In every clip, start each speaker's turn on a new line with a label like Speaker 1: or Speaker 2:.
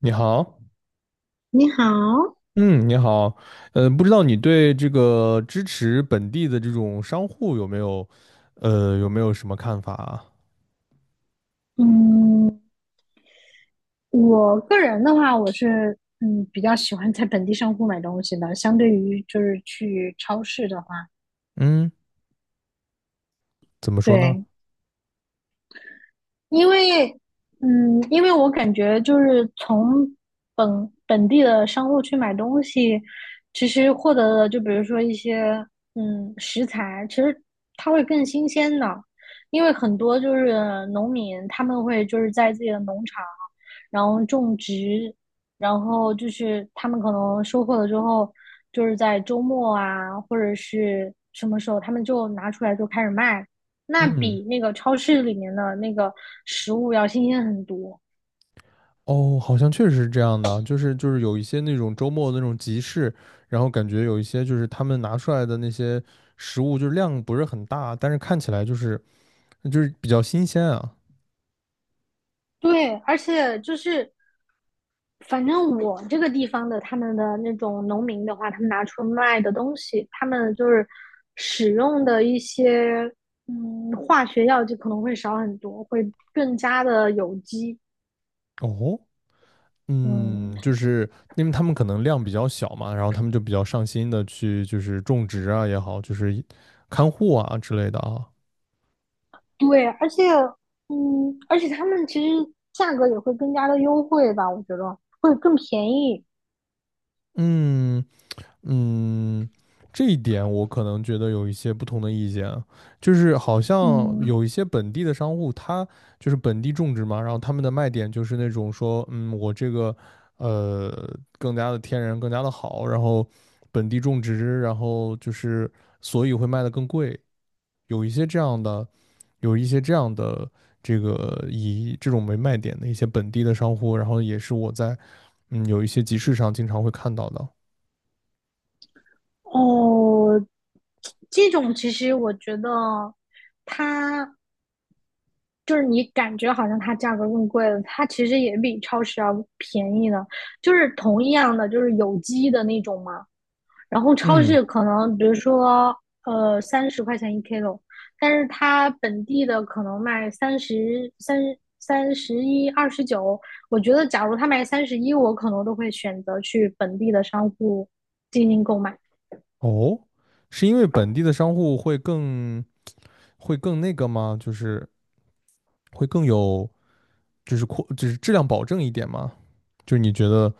Speaker 1: 你好。
Speaker 2: 你好，
Speaker 1: 嗯，你好。不知道你对这个支持本地的这种商户有没有，有没有什么看法啊？
Speaker 2: 嗯，我个人的话，我是比较喜欢在本地商户买东西的，相对于就是去超市的话，
Speaker 1: 嗯，怎么说呢？
Speaker 2: 对，因为，因为我感觉就是从本地的商户去买东西，其实获得的就比如说一些食材，其实它会更新鲜的。因为很多就是农民他们会就是在自己的农场，然后种植，然后就是他们可能收获了之后，就是在周末啊或者是什么时候他们就拿出来就开始卖，那
Speaker 1: 嗯，
Speaker 2: 比那个超市里面的那个食物要新鲜很多。
Speaker 1: 哦，好像确实是这样的啊，就是有一些那种周末的那种集市，然后感觉有一些就是他们拿出来的那些食物，就是量不是很大，但是看起来就是比较新鲜啊。
Speaker 2: 对，而且就是反正我这个地方的他们的那种农民的话，他们拿出卖的东西，他们就是使用的一些化学药剂可能会少很多，会更加的有机。
Speaker 1: 哦，
Speaker 2: 嗯，
Speaker 1: 嗯，就是因为他们可能量比较小嘛，然后他们就比较上心的去就是种植啊也好，就是看护啊之类的啊。
Speaker 2: 对，而且他们其实价格也会更加的优惠吧，我觉得会更便宜。
Speaker 1: 嗯嗯，这一点我可能觉得有一些不同的意见啊，就是好像
Speaker 2: 嗯，
Speaker 1: 有一些本地的商户，他就是本地种植嘛，然后他们的卖点就是那种说，嗯，我这个呃更加的天然，更加的好，然后本地种植，然后就是所以会卖的更贵。有一些这样的，有一些这样的，这个以这种为卖点的一些本地的商户，然后也是我在嗯有一些集市上经常会看到的。
Speaker 2: 哦，这种其实我觉得它就是你感觉好像它价格更贵了，它其实也比超市要便宜的，就是同样的就是有机的那种嘛。然后超
Speaker 1: 嗯，
Speaker 2: 市可能比如说30块钱一 kilo，但是它本地的可能卖33三十一29。我觉得假如它卖三十一，我可能都会选择去本地的商户进行购买。
Speaker 1: 哦，是因为本地的商户会更，会更那个吗？就是会更有，就是扩就是质量保证一点吗？就你觉得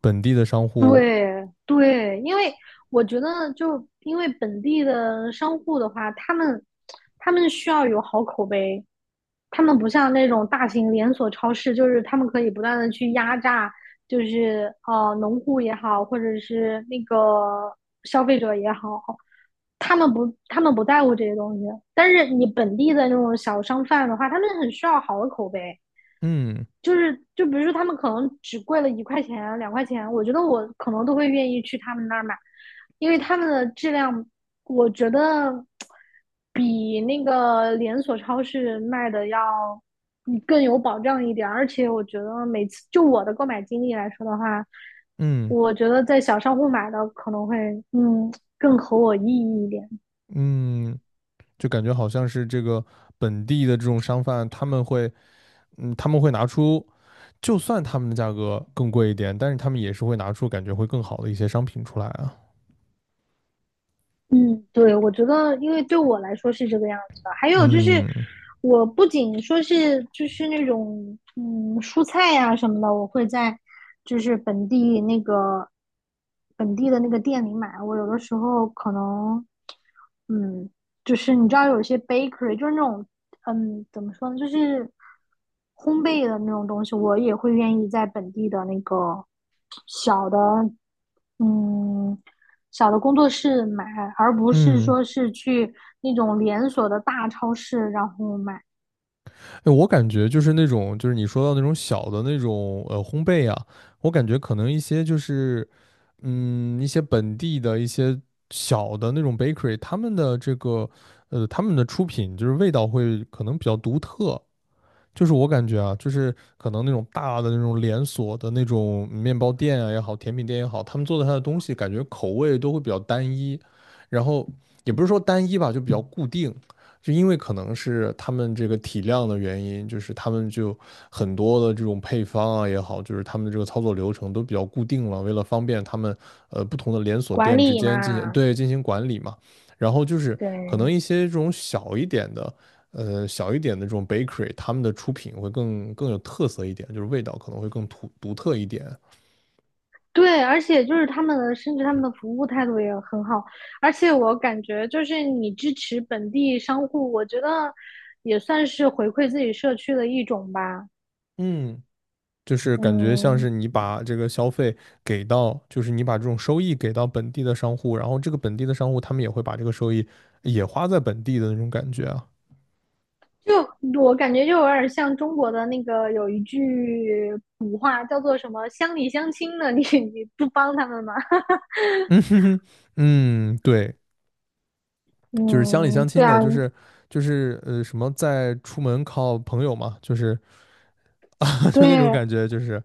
Speaker 1: 本地的商户，
Speaker 2: 对对，因为我觉得，就因为本地的商户的话，他们需要有好口碑。他们不像那种大型连锁超市，就是他们可以不断的去压榨，就是农户也好，或者是那个消费者也好，他们不在乎这些东西。但是你本地的那种小商贩的话，他们很需要好的口碑。
Speaker 1: 嗯
Speaker 2: 就是就比如说他们可能只贵了1块钱、2块钱，我觉得我可能都会愿意去他们那儿买，因为他们的质量，我觉得比那个连锁超市卖的要更有保障一点。而且我觉得每次就我的购买经历来说的话，
Speaker 1: 嗯
Speaker 2: 我觉得在小商户买的可能会嗯更合我意义一点。
Speaker 1: 嗯，就感觉好像是这个本地的这种商贩，他们会嗯他们会拿出。就算他们的价格更贵一点，但是他们也是会拿出感觉会更好的一些商品出来啊。
Speaker 2: 嗯，对，我觉得，因为对我来说是这个样子的。还有就是，
Speaker 1: 嗯
Speaker 2: 我不仅说是就是那种蔬菜呀、什么的，我会在就是本地的那个店里买。我有的时候可能，嗯，就是你知道有些 bakery 就是那种怎么说呢？就是烘焙的那种东西，我也会愿意在本地的那个小的，嗯，小的工作室买，而不是
Speaker 1: 嗯，
Speaker 2: 说是去那种连锁的大超市然后买。
Speaker 1: 哎，我感觉就是那种，就是你说到那种小的那种烘焙啊，我感觉可能一些就是嗯一些本地的一些小的那种 bakery,他们的这个他们的出品就是味道会可能比较独特，就是我感觉啊，就是可能那种大的那种连锁的那种面包店啊也好，甜品店也好，他们做的它的东西感觉口味都会比较单一，然后也不是说单一吧，就比较固定。就因为可能是他们这个体量的原因，就是他们就很多的这种配方啊也好，就是他们的这个操作流程都比较固定了，为了方便他们不同的连锁
Speaker 2: 管
Speaker 1: 店之
Speaker 2: 理
Speaker 1: 间
Speaker 2: 嘛。
Speaker 1: 进行管理嘛。然后就是可能
Speaker 2: 对，
Speaker 1: 一些这种小一点的，小一点的这种 bakery,他们的出品会更有特色一点，就是味道可能会更独特一点。
Speaker 2: 对，而且就是他们的，甚至他们的服务态度也很好。而且我感觉就是你支持本地商户，我觉得也算是回馈自己社区的一种吧。
Speaker 1: 嗯，就是感觉像
Speaker 2: 嗯。
Speaker 1: 是你把这个消费给到，就是你把这种收益给到本地的商户，然后这个本地的商户他们也会把这个收益也花在本地的那种感觉啊。
Speaker 2: 就我感觉就有点像中国的那个有一句古话叫做什么"乡里乡亲"的，你 你不帮他们吗？
Speaker 1: 嗯哼哼，嗯，对，就是乡里乡
Speaker 2: 嗯，
Speaker 1: 亲
Speaker 2: 对啊，
Speaker 1: 的，就是就是什么在出门靠朋友嘛，就是
Speaker 2: 对
Speaker 1: 就那种感觉，就是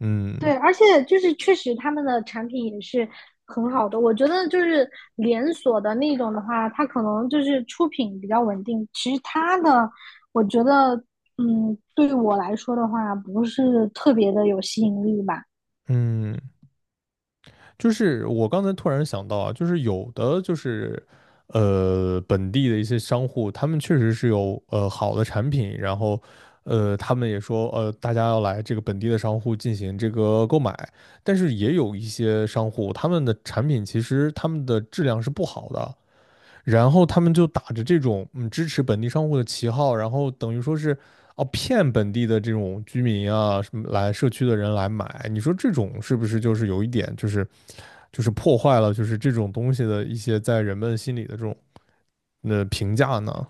Speaker 1: 嗯。
Speaker 2: 对，而且就是确实他们的产品也是很好的。我觉得就是连锁的那种的话，它可能就是出品比较稳定，其实它的我觉得，对我来说的话，不是特别的有吸引力吧。
Speaker 1: 嗯就是我刚才突然想到啊，就是有的就是本地的一些商户，他们确实是有好的产品，然后他们也说大家要来这个本地的商户进行这个购买，但是也有一些商户他们的产品其实他们的质量是不好的，然后他们就打着这种嗯支持本地商户的旗号，然后等于说是。哦，骗本地的这种居民啊，什么来社区的人来买，你说这种是不是就是有一点就是就是破坏了就是这种东西的一些在人们心里的这种评价呢？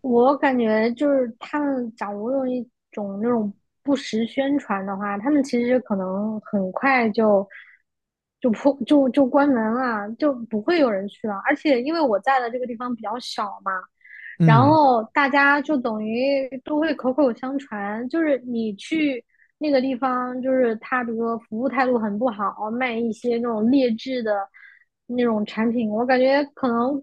Speaker 2: 我感觉就是他们假如用一种那种不实宣传的话，他们其实可能很快就关门了，就不会有人去了。而且因为我在的这个地方比较小嘛，然
Speaker 1: 嗯，
Speaker 2: 后大家就等于都会口口相传，就是你去那个地方，就是他比如说服务态度很不好，卖一些那种劣质的那种产品，我感觉可能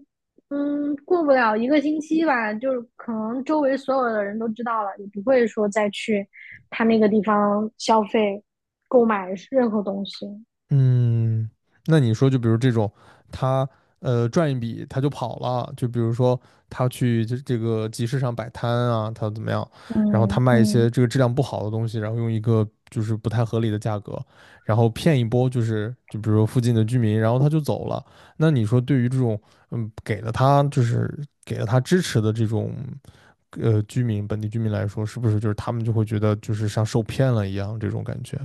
Speaker 2: 过不了一个星期吧，就是可能周围所有的人都知道了，也不会说再去他那个地方消费、购买任何东西。
Speaker 1: 嗯，那你说就比如这种他赚一笔他就跑了，就比如说他去这个集市上摆摊啊，他怎么样？然后他
Speaker 2: 嗯
Speaker 1: 卖一些
Speaker 2: 嗯。
Speaker 1: 这个质量不好的东西，然后用一个就是不太合理的价格，然后骗一波就是就比如说附近的居民，然后他就走了。那你说对于这种嗯给了他就是给了他支持的这种居民本地居民来说，是不是就是他们就会觉得就是像受骗了一样这种感觉？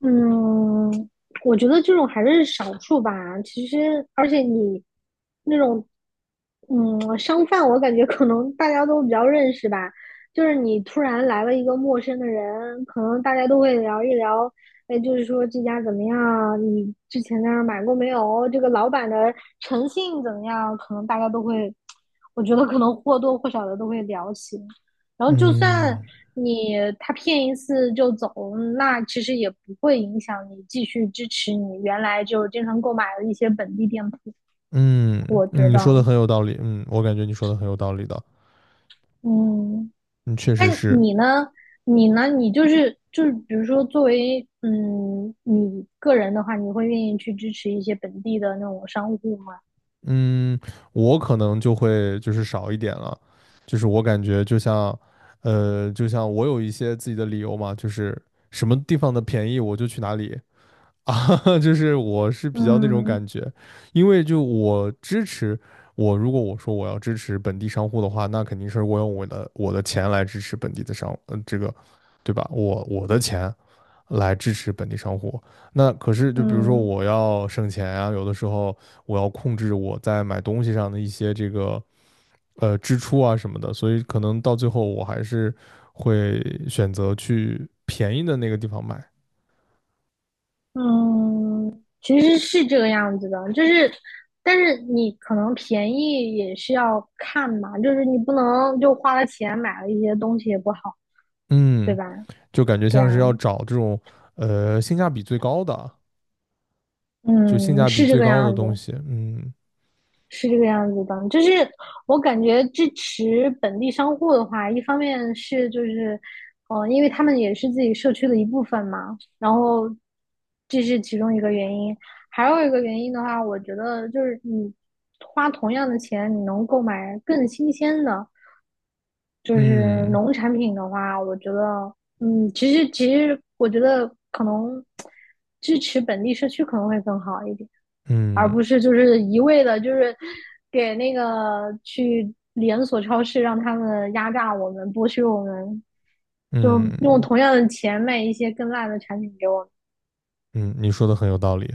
Speaker 2: 嗯，我觉得这种还是少数吧。其实，而且你那种，商贩，我感觉可能大家都比较认识吧。就是你突然来了一个陌生的人，可能大家都会聊一聊，哎，就是说这家怎么样？你之前在那儿买过没有？这个老板的诚信怎么样？可能大家都会，我觉得可能或多或少的都会聊起。然后就算
Speaker 1: 嗯
Speaker 2: 你他骗一次就走，那其实也不会影响你继续支持你原来就经常购买的一些本地店铺，
Speaker 1: 嗯，
Speaker 2: 我觉
Speaker 1: 嗯，你说的
Speaker 2: 得。
Speaker 1: 很有道理，嗯，我感觉你说的很有道理的，
Speaker 2: 嗯，
Speaker 1: 嗯，确
Speaker 2: 那
Speaker 1: 实是。
Speaker 2: 你呢？你呢？你比如说作为你个人的话，你会愿意去支持一些本地的那种商户吗？
Speaker 1: 嗯，我可能就会就是少一点了，就是我感觉就像，就像我有一些自己的理由嘛，就是什么地方的便宜我就去哪里啊，就是我是比较那种感
Speaker 2: 嗯
Speaker 1: 觉，因为就我支持我，如果我说我要支持本地商户的话，那肯定是我用我的钱来支持本地的商，嗯，这个，对吧？我我的钱来支持本地商户。那可是就比如说
Speaker 2: 嗯。
Speaker 1: 我要省钱啊，有的时候我要控制我在买东西上的一些这个支出啊什么的，所以可能到最后我还是会选择去便宜的那个地方买。
Speaker 2: 嗯，其实是这个样子的，就是，但是你可能便宜也是要看嘛，就是你不能就花了钱买了一些东西也不好，对
Speaker 1: 嗯。
Speaker 2: 吧？
Speaker 1: 就感觉
Speaker 2: 对啊，
Speaker 1: 像是要找这种性价比最高的，就性
Speaker 2: 嗯，
Speaker 1: 价比
Speaker 2: 是这
Speaker 1: 最
Speaker 2: 个
Speaker 1: 高的
Speaker 2: 样
Speaker 1: 东
Speaker 2: 子。
Speaker 1: 西。嗯，
Speaker 2: 是这个样子的，就是我感觉支持本地商户的话，一方面是就是，因为他们也是自己社区的一部分嘛，然后这是其中一个原因。还有一个原因的话，我觉得就是你花同样的钱，你能购买更新鲜的，就是
Speaker 1: 嗯
Speaker 2: 农产品的话，我觉得，其实我觉得可能支持本地社区可能会更好一点。而
Speaker 1: 嗯
Speaker 2: 不是就是一味的，就是给那个去连锁超市让他们压榨我们、剥削我们，就用
Speaker 1: 嗯
Speaker 2: 同样的钱卖一些更烂的产品给我们。
Speaker 1: 嗯，你说的很有道理。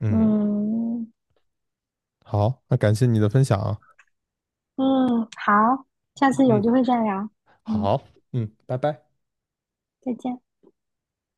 Speaker 1: 嗯，
Speaker 2: 嗯
Speaker 1: 好，那感谢你的分享啊。
Speaker 2: 嗯，好，下次有
Speaker 1: 嗯，
Speaker 2: 机会再聊。嗯，
Speaker 1: 好，嗯，拜拜。
Speaker 2: 再见。